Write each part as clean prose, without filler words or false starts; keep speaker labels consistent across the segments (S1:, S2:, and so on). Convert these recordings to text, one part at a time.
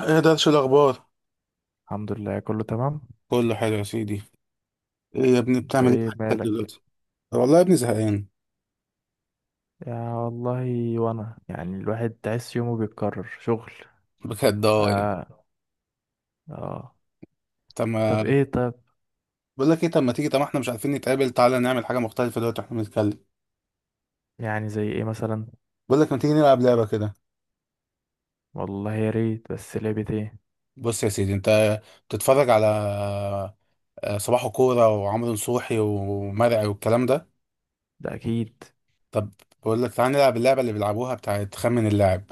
S1: ايه ده؟ شو الاخبار؟
S2: الحمد لله، كله تمام.
S1: كله حلو يا سيدي. ايه يا ابني،
S2: انت
S1: بتعمل ايه في
S2: ايه
S1: حياتك
S2: مالك؟
S1: دلوقتي؟ والله يا ابني زهقان
S2: يا والله وانا يعني الواحد تحس يومه بيتكرر شغل.
S1: بجد. اه يعني
S2: اه اه.
S1: طب
S2: طب
S1: ما
S2: ايه طب؟
S1: بقول لك ايه، طب ما تيجي، طب ما احنا مش عارفين نتقابل، تعالى نعمل حاجه مختلفه دلوقتي واحنا بنتكلم.
S2: يعني زي ايه مثلا؟
S1: بقول لك ما تيجي نلعب لعبه كده.
S2: والله يا ريت، بس لعبة ايه؟
S1: بص يا سيدي، انت بتتفرج على صباح كوره وعمرو نصوحي ومرعي والكلام ده.
S2: ده اكيد.
S1: طب بقول لك تعالى نلعب اللعبه اللي بيلعبوها بتاعت خمن اللاعب.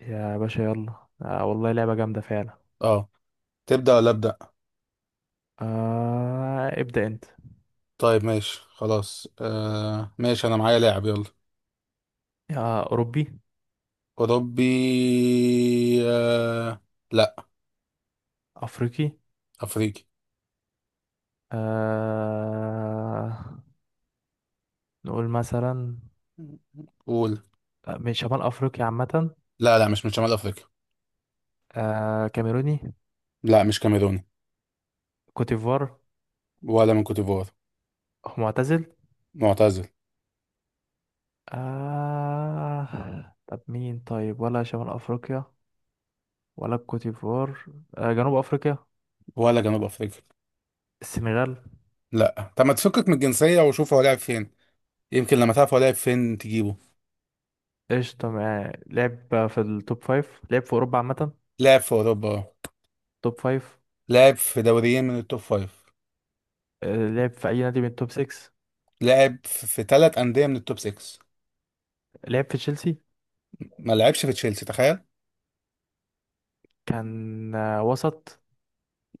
S2: يا باشا يلا، آه والله لعبة جامدة فعلا.
S1: اه، تبدا ولا ابدا؟
S2: آه، ابدأ انت.
S1: طيب ماشي خلاص، آه ماشي، انا معايا لاعب، يلا.
S2: يا اوروبي؟
S1: أوروبي. آه... لا.
S2: افريقي؟
S1: أفريقي.
S2: آه، نقول مثلا،
S1: قول.
S2: آه، من شمال افريقيا عامة؟
S1: لا لا، مش من شمال أفريقيا.
S2: آه كاميروني؟
S1: لا مش كاميروني.
S2: كوتيفوار؟
S1: ولا من كوتيفوار.
S2: معتزل؟
S1: معتزل.
S2: آه طب مين طيب؟ ولا شمال أفريقيا؟ ولا الكوتيفوار؟ آه جنوب أفريقيا؟
S1: ولا جنوب أفريقيا.
S2: السنغال؟
S1: لا، طب ما تفكك من الجنسية وشوف هو لعب فين، يمكن لما تعرف هو لعب فين تجيبه.
S2: قشطة. معاه لعب في التوب فايف؟ لعب في أوروبا عامة؟
S1: لعب في أوروبا آه.
S2: توب فايف.
S1: لعب في دوريين من التوب فايف.
S2: آه لعب في أي نادي من التوب سكس؟
S1: لعب في ثلاث أندية من التوب 6.
S2: لعب في تشيلسي؟
S1: ما لعبش في تشيلسي، تخيل.
S2: كان آه وسط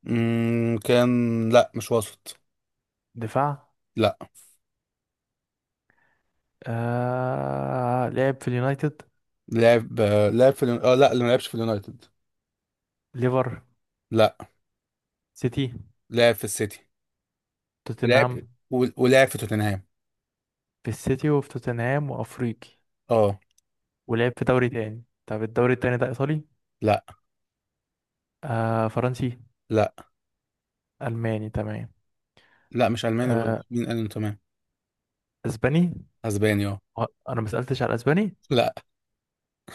S1: كان، لا مش وسط.
S2: دفاع؟
S1: لا.
S2: آه لعب في اليونايتد؟
S1: لعب آه، لعب في اليون- اه لا ما لعبش في اليونايتد.
S2: ليفر؟
S1: لا.
S2: سيتي؟
S1: لعب في السيتي. ولعب،
S2: توتنهام؟
S1: ولعب في توتنهام.
S2: في السيتي وفي توتنهام وأفريقي.
S1: اه.
S2: ولعب في دوري تاني. طب الدوري التاني ده إيطالي؟
S1: لا
S2: آه فرنسي؟
S1: لا
S2: ألماني تمام.
S1: لا، مش الماني
S2: آه،
S1: برضه، مين قال انه تمام؟
S2: اسباني.
S1: اسباني اه.
S2: آه، انا ما سالتش على الاسباني.
S1: لا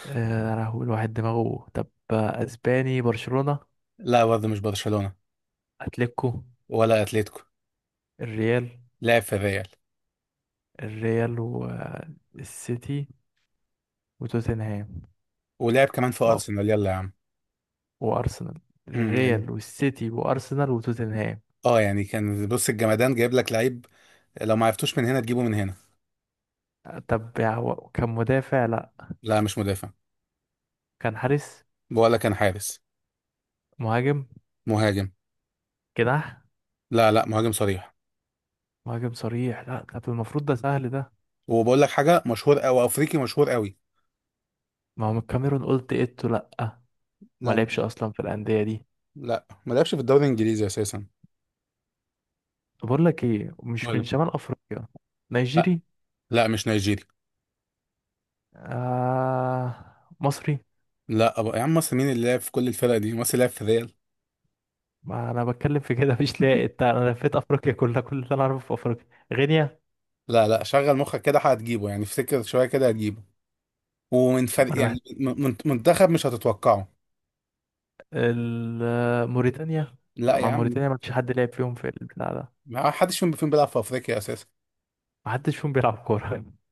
S2: آه، انا هقول واحد دماغه. طب آه، اسباني برشلونة؟
S1: لا برضه مش برشلونة.
S2: اتلتيكو؟
S1: ولا اتلتيكو.
S2: الريال.
S1: لعب في الريال.
S2: الريال والسيتي وتوتنهام
S1: ولعب كمان في
S2: و-
S1: ارسنال، يلا يا عم.
S2: وارسنال.
S1: يعني،
S2: الريال والسيتي وارسنال وتوتنهام.
S1: اه يعني كان، بص الجمدان جايب لك لعيب، لو ما عرفتوش من هنا تجيبه من هنا.
S2: آه، طب يا هو كان مدافع؟ لا،
S1: لا مش مدافع.
S2: كان حارس؟
S1: بقول لك كان حارس.
S2: مهاجم؟
S1: مهاجم.
S2: جناح؟
S1: لا لا، مهاجم صريح.
S2: مهاجم صريح؟ لا طب المفروض ده سهل ده.
S1: وبقول لك حاجه مشهور، او افريقي مشهور قوي.
S2: ما هو من الكاميرون قلت ايتو؟ لا، ما
S1: لا.
S2: لعبش اصلا في الانديه دي.
S1: لا ما لعبش في الدوري الانجليزي اساسا.
S2: بقول لك ايه، مش
S1: ولا.
S2: من شمال افريقيا؟
S1: لا
S2: نيجيري؟
S1: لا مش نيجيري.
S2: آه مصري؟
S1: لا، أبقى يا عم مصر، مين اللي لعب في كل الفرق دي؟ مصر لعب في ريال؟
S2: ما انا بتكلم في كده مش لاقي. انت انا لفيت افريقيا كلها، كل اللي انا اعرفه في افريقيا. غينيا؟
S1: لا لا، شغل مخك كده هتجيبه، يعني افتكر شويه كده هتجيبه. ومن
S2: ما
S1: فرق،
S2: انا محت...
S1: يعني منتخب مش هتتوقعه.
S2: موريتانيا؟ لا،
S1: لا يا
S2: مع
S1: عم.
S2: موريتانيا ما فيش حد لعب فيهم في البتاع ده.
S1: ما حدش فيهم بيلعب في افريقيا اساسا.
S2: ما حدش فيهم بيلعب كوره.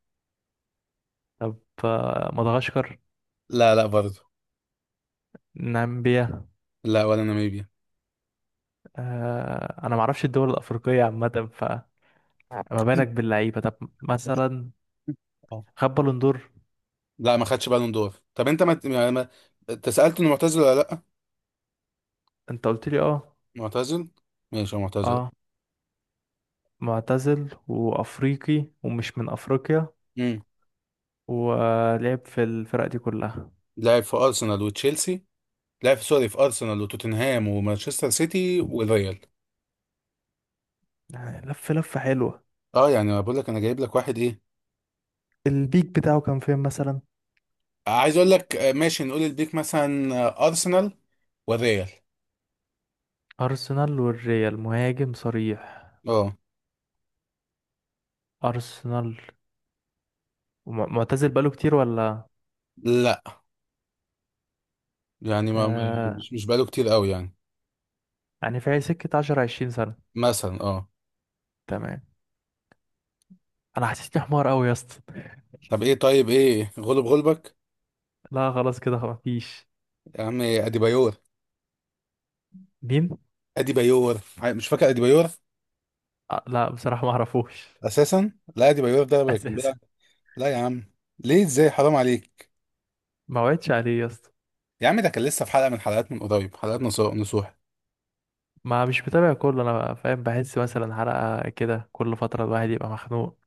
S2: طب آه، مدغشقر؟
S1: لا لا برضه.
S2: نامبيا؟
S1: لا ولا ناميبيا.
S2: آه انا ما اعرفش الدول الافريقيه عامه، فما بالك باللعيبه. طب مثلا
S1: اه.
S2: خد بالون دور؟
S1: لا ما خدش بالون دور. طب انت انت سالت انه معتزل ولا لا.
S2: انت قلت لي اه.
S1: معتزل. ماشي هو معتزل.
S2: اه، معتزل وأفريقي ومش من أفريقيا،
S1: امم.
S2: ولعب في الفرق دي كلها.
S1: لعب في ارسنال وتشيلسي. لعب في سوري، في ارسنال وتوتنهام ومانشستر سيتي والريال.
S2: يعني لف لفة حلوة.
S1: اه يعني أنا بقول لك انا جايب لك واحد ايه.
S2: البيك بتاعه كان فين مثلا؟
S1: عايز اقول لك آه، ماشي، نقول البيك مثلا آه، ارسنال والريال.
S2: أرسنال والريال مهاجم صريح؟
S1: اه.
S2: أرسنال معتزل بقاله كتير ولا؟
S1: لا يعني
S2: آه
S1: مش بقاله كتير قوي يعني.
S2: يعني في سكة 10 20 سنة.
S1: مثلا اه.
S2: تمام. أنا حسيتني حمار أوي يا اسطى.
S1: طب ايه، طيب ايه غلب غلبك؟
S2: لا خلاص كده، خلاص مفيش.
S1: يا عم اديبايور.
S2: مين؟
S1: اديبايور، مش فاكر اديبايور؟
S2: آه لا بصراحة ما أعرفوش.
S1: اساسا! لا اديبايور ده كان
S2: أساسا؟
S1: بيلعب. لا يا عم، ليه؟ ازاي، حرام عليك.
S2: ما وعدتش عليه يا اسطى.
S1: يا عم ده كان لسه في حلقة من حلقات، من قريب، حلقات نصوح نصوح.
S2: ما مش متابع كله، انا فاهم، بحس مثلا حلقة كده كل فترة الواحد يبقى مخنوق.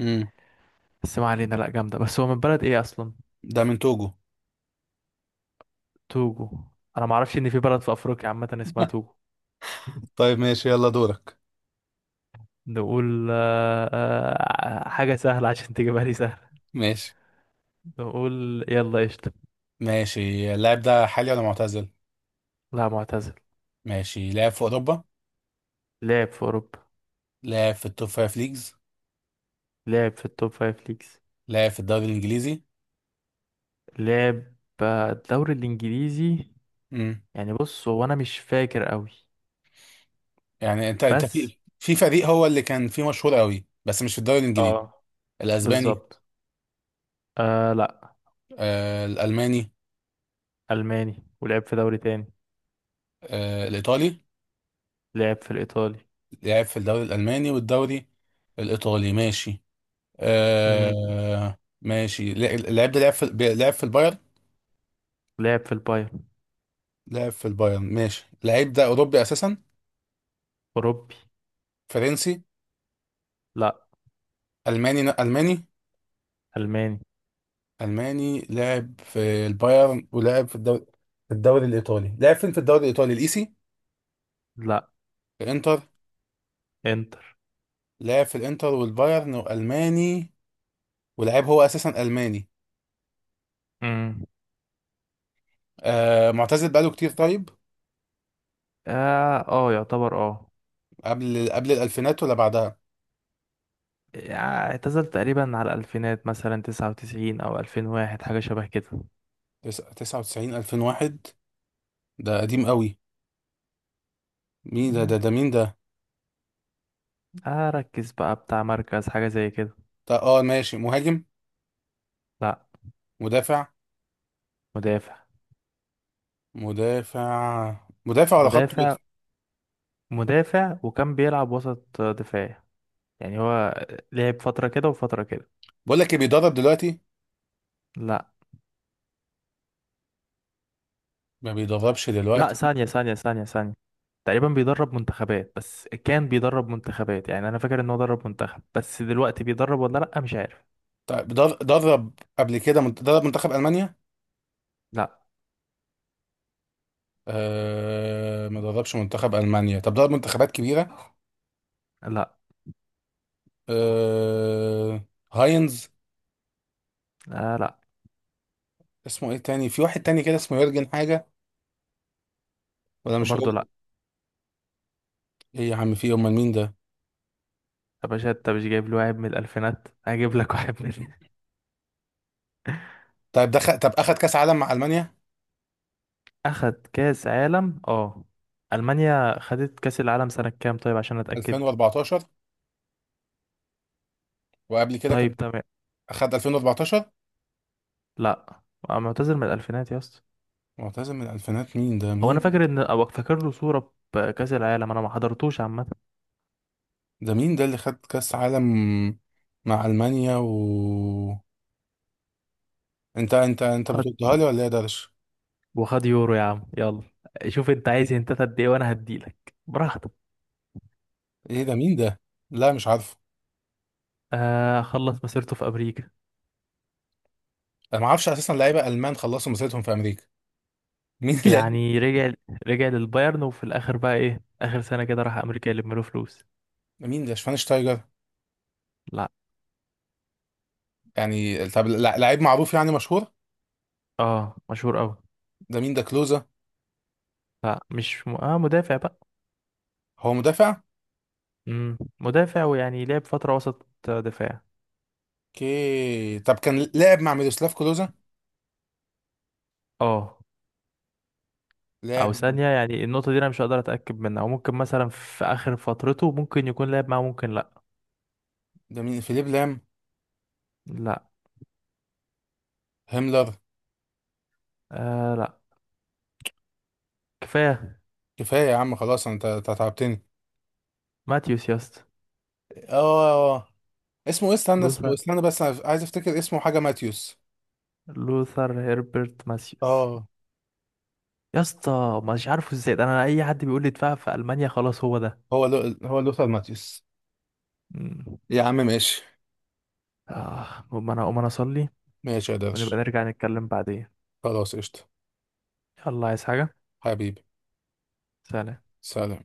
S1: امم.
S2: بس ما علينا، لا جامدة. بس هو من بلد ايه اصلا؟
S1: ده من توجو.
S2: توجو؟ انا ما اعرفش ان في بلد في افريقيا عامة اسمها توجو.
S1: طيب ماشي، يلا دورك.
S2: نقول آه، آه، حاجة سهلة عشان تجيبها لي سهل.
S1: ماشي.
S2: نقول يلا قشطة.
S1: ماشي، اللاعب ده حالي ولا معتزل؟
S2: لا معتزل.
S1: ماشي. لاعب في اوروبا.
S2: لعب في اوروبا.
S1: لاعب في التوب فايف ليجز.
S2: لعب في التوب فايف ليجز.
S1: لاعب في الدوري الانجليزي.
S2: لعب آه، الدوري الانجليزي.
S1: امم،
S2: يعني بص هو انا مش فاكر قوي.
S1: يعني انت انت
S2: بس
S1: في فريق هو اللي كان فيه مشهور قوي، بس مش في الدوري الانجليزي.
S2: اه.
S1: الاسباني.
S2: بالظبط. آه لا.
S1: آه الالماني.
S2: الماني ولعب في دوري تاني.
S1: آه الايطالي.
S2: لعب في الإيطالي.
S1: لعب في الدوري الالماني والدوري الايطالي، ماشي.
S2: مم.
S1: آه ماشي، اللعيب ده لعب في لعب في البايرن.
S2: لعب في البايرن.
S1: لعب في البايرن، ماشي. اللعيب ده اوروبي اساسا.
S2: أوروبي.
S1: فرنسي.
S2: لا.
S1: الماني. الماني
S2: ألماني.
S1: الماني لعب في البايرن ولعب في الدوري، في الدوري الايطالي. لعب فين في الدوري الايطالي، الايسي؟
S2: لا.
S1: الانتر.
S2: إنتر.
S1: لعب في الانتر والبايرن، والماني، ولعب هو اساسا الماني.
S2: مم.
S1: آه معتزل بقاله كتير، طيب
S2: آه. آه يعتبر آه.
S1: قبل قبل الالفينات ولا بعدها؟
S2: آه، اعتزل تقريبا على الألفينات، مثلا 99 أو 2001، حاجة شبه كده.
S1: 99، 2001، ده قديم قوي. مين ده ده
S2: مم.
S1: ده مين ده.
S2: آه ركز بقى، بتاع مركز حاجة زي كده.
S1: ده اه ماشي، مهاجم.
S2: لا.
S1: مدافع.
S2: مدافع.
S1: مدافع. مدافع ولا خط
S2: مدافع.
S1: وسط؟
S2: مدافع وكان بيلعب وسط دفاع، يعني هو لعب فترة كده وفترة كده.
S1: بقول لك ايه، بيدرب دلوقتي؟
S2: لا.
S1: ما بيدربش
S2: لا،
S1: دلوقتي.
S2: ثانية ثانية ثانية ثانية. تقريبا بيدرب منتخبات، بس كان بيدرب منتخبات. يعني انا فاكر ان هو درب منتخب، بس دلوقتي بيدرب ولا لا مش عارف.
S1: طيب درب قبل كده، درب منتخب المانيا؟
S2: لا.
S1: آه ما دربش منتخب المانيا. طب درب منتخبات كبيره؟
S2: لا.
S1: آه. هاينز.
S2: آه لا.
S1: اسمه ايه تاني، في واحد تاني كده اسمه يورجن حاجه، ولا مش
S2: برضه
S1: هو؟
S2: لا.
S1: ايه يا عم، في إيه؟ امال مين ده؟
S2: يا باشا انت مش جايب لي واحد من الالفينات، هجيب لك واحد من
S1: طيب دخل، طب اخد كاس عالم مع المانيا؟
S2: اخد كاس عالم اه. المانيا خدت كاس العالم سنة كام طيب عشان اتاكد.
S1: 2014 وقبل كده
S2: طيب
S1: كان،
S2: تمام.
S1: اخد 2014.
S2: لا. آه، معتذر من الالفينات يا اسطى.
S1: معتزل من الالفينات، مين ده
S2: هو انا
S1: مين؟
S2: فاكر ان، او فاكر له صورة بكاس العالم، انا ما حضرتوش عامة.
S1: ده مين ده اللي خد كاس عالم مع المانيا؟ و انت بتقولها لي ولا ايه ده.
S2: وخد يورو يا عم يلا. شوف انت عايز انت قد ايه وانا هديلك براحتك.
S1: ايه ده مين ده؟ لا مش عارفه.
S2: آه خلص مسيرته في امريكا.
S1: انا ما اعرفش اساسا لعيبه المان خلصوا مسيرتهم في امريكا. مين اللعيب؟
S2: يعني رجع. رجع للبايرن وفي الاخر بقى ايه اخر سنة كده راح امريكا يلم له فلوس.
S1: مين ده، شفاينشتايجر؟
S2: لا.
S1: يعني طب لعيب معروف يعني مشهور؟
S2: اه مشهور قوي.
S1: ده مين، ده كلوزا؟
S2: لا مش م... اه مدافع بقى.
S1: هو مدافع.
S2: مدافع، ويعني لعب فترة وسط دفاع.
S1: اوكي، طب كان لعب مع ميروسلاف كلوزا؟
S2: اه. او
S1: لعب مع-
S2: ثانية، يعني النقطة دي انا مش هقدر اتاكد منها، او ممكن مثلا في اخر فترته ممكن يكون لعب معاه ممكن لا.
S1: ده مين، فيليب لام؟
S2: لا.
S1: هيملر.
S2: آه لا. كفاية.
S1: كفايه يا عم خلاص، انت أنت تعبتني.
S2: ماتيوس يا اسطى.
S1: اه، اسمه ايه، استنى اسمه،
S2: لوثر.
S1: استنى بس، انا عايز افتكر اسمه، حاجه ماتيوس.
S2: لوثر هيربرت ماثيوس.
S1: اه.
S2: يا اسطى مش عارفه ازاي ده، انا اي حد بيقول لي اتفقع في المانيا خلاص هو ده.
S1: هو لوثر ماتيوس.
S2: مم.
S1: يا عم ماشي.
S2: اه المهم انا اقوم انا اصلي.
S1: ماشي يا
S2: ونبقى
S1: درش.
S2: نرجع نتكلم بعدين.
S1: خلاص قشطه.
S2: يلا عايز حاجه؟
S1: حبيبي.
S2: سلام.
S1: سلام.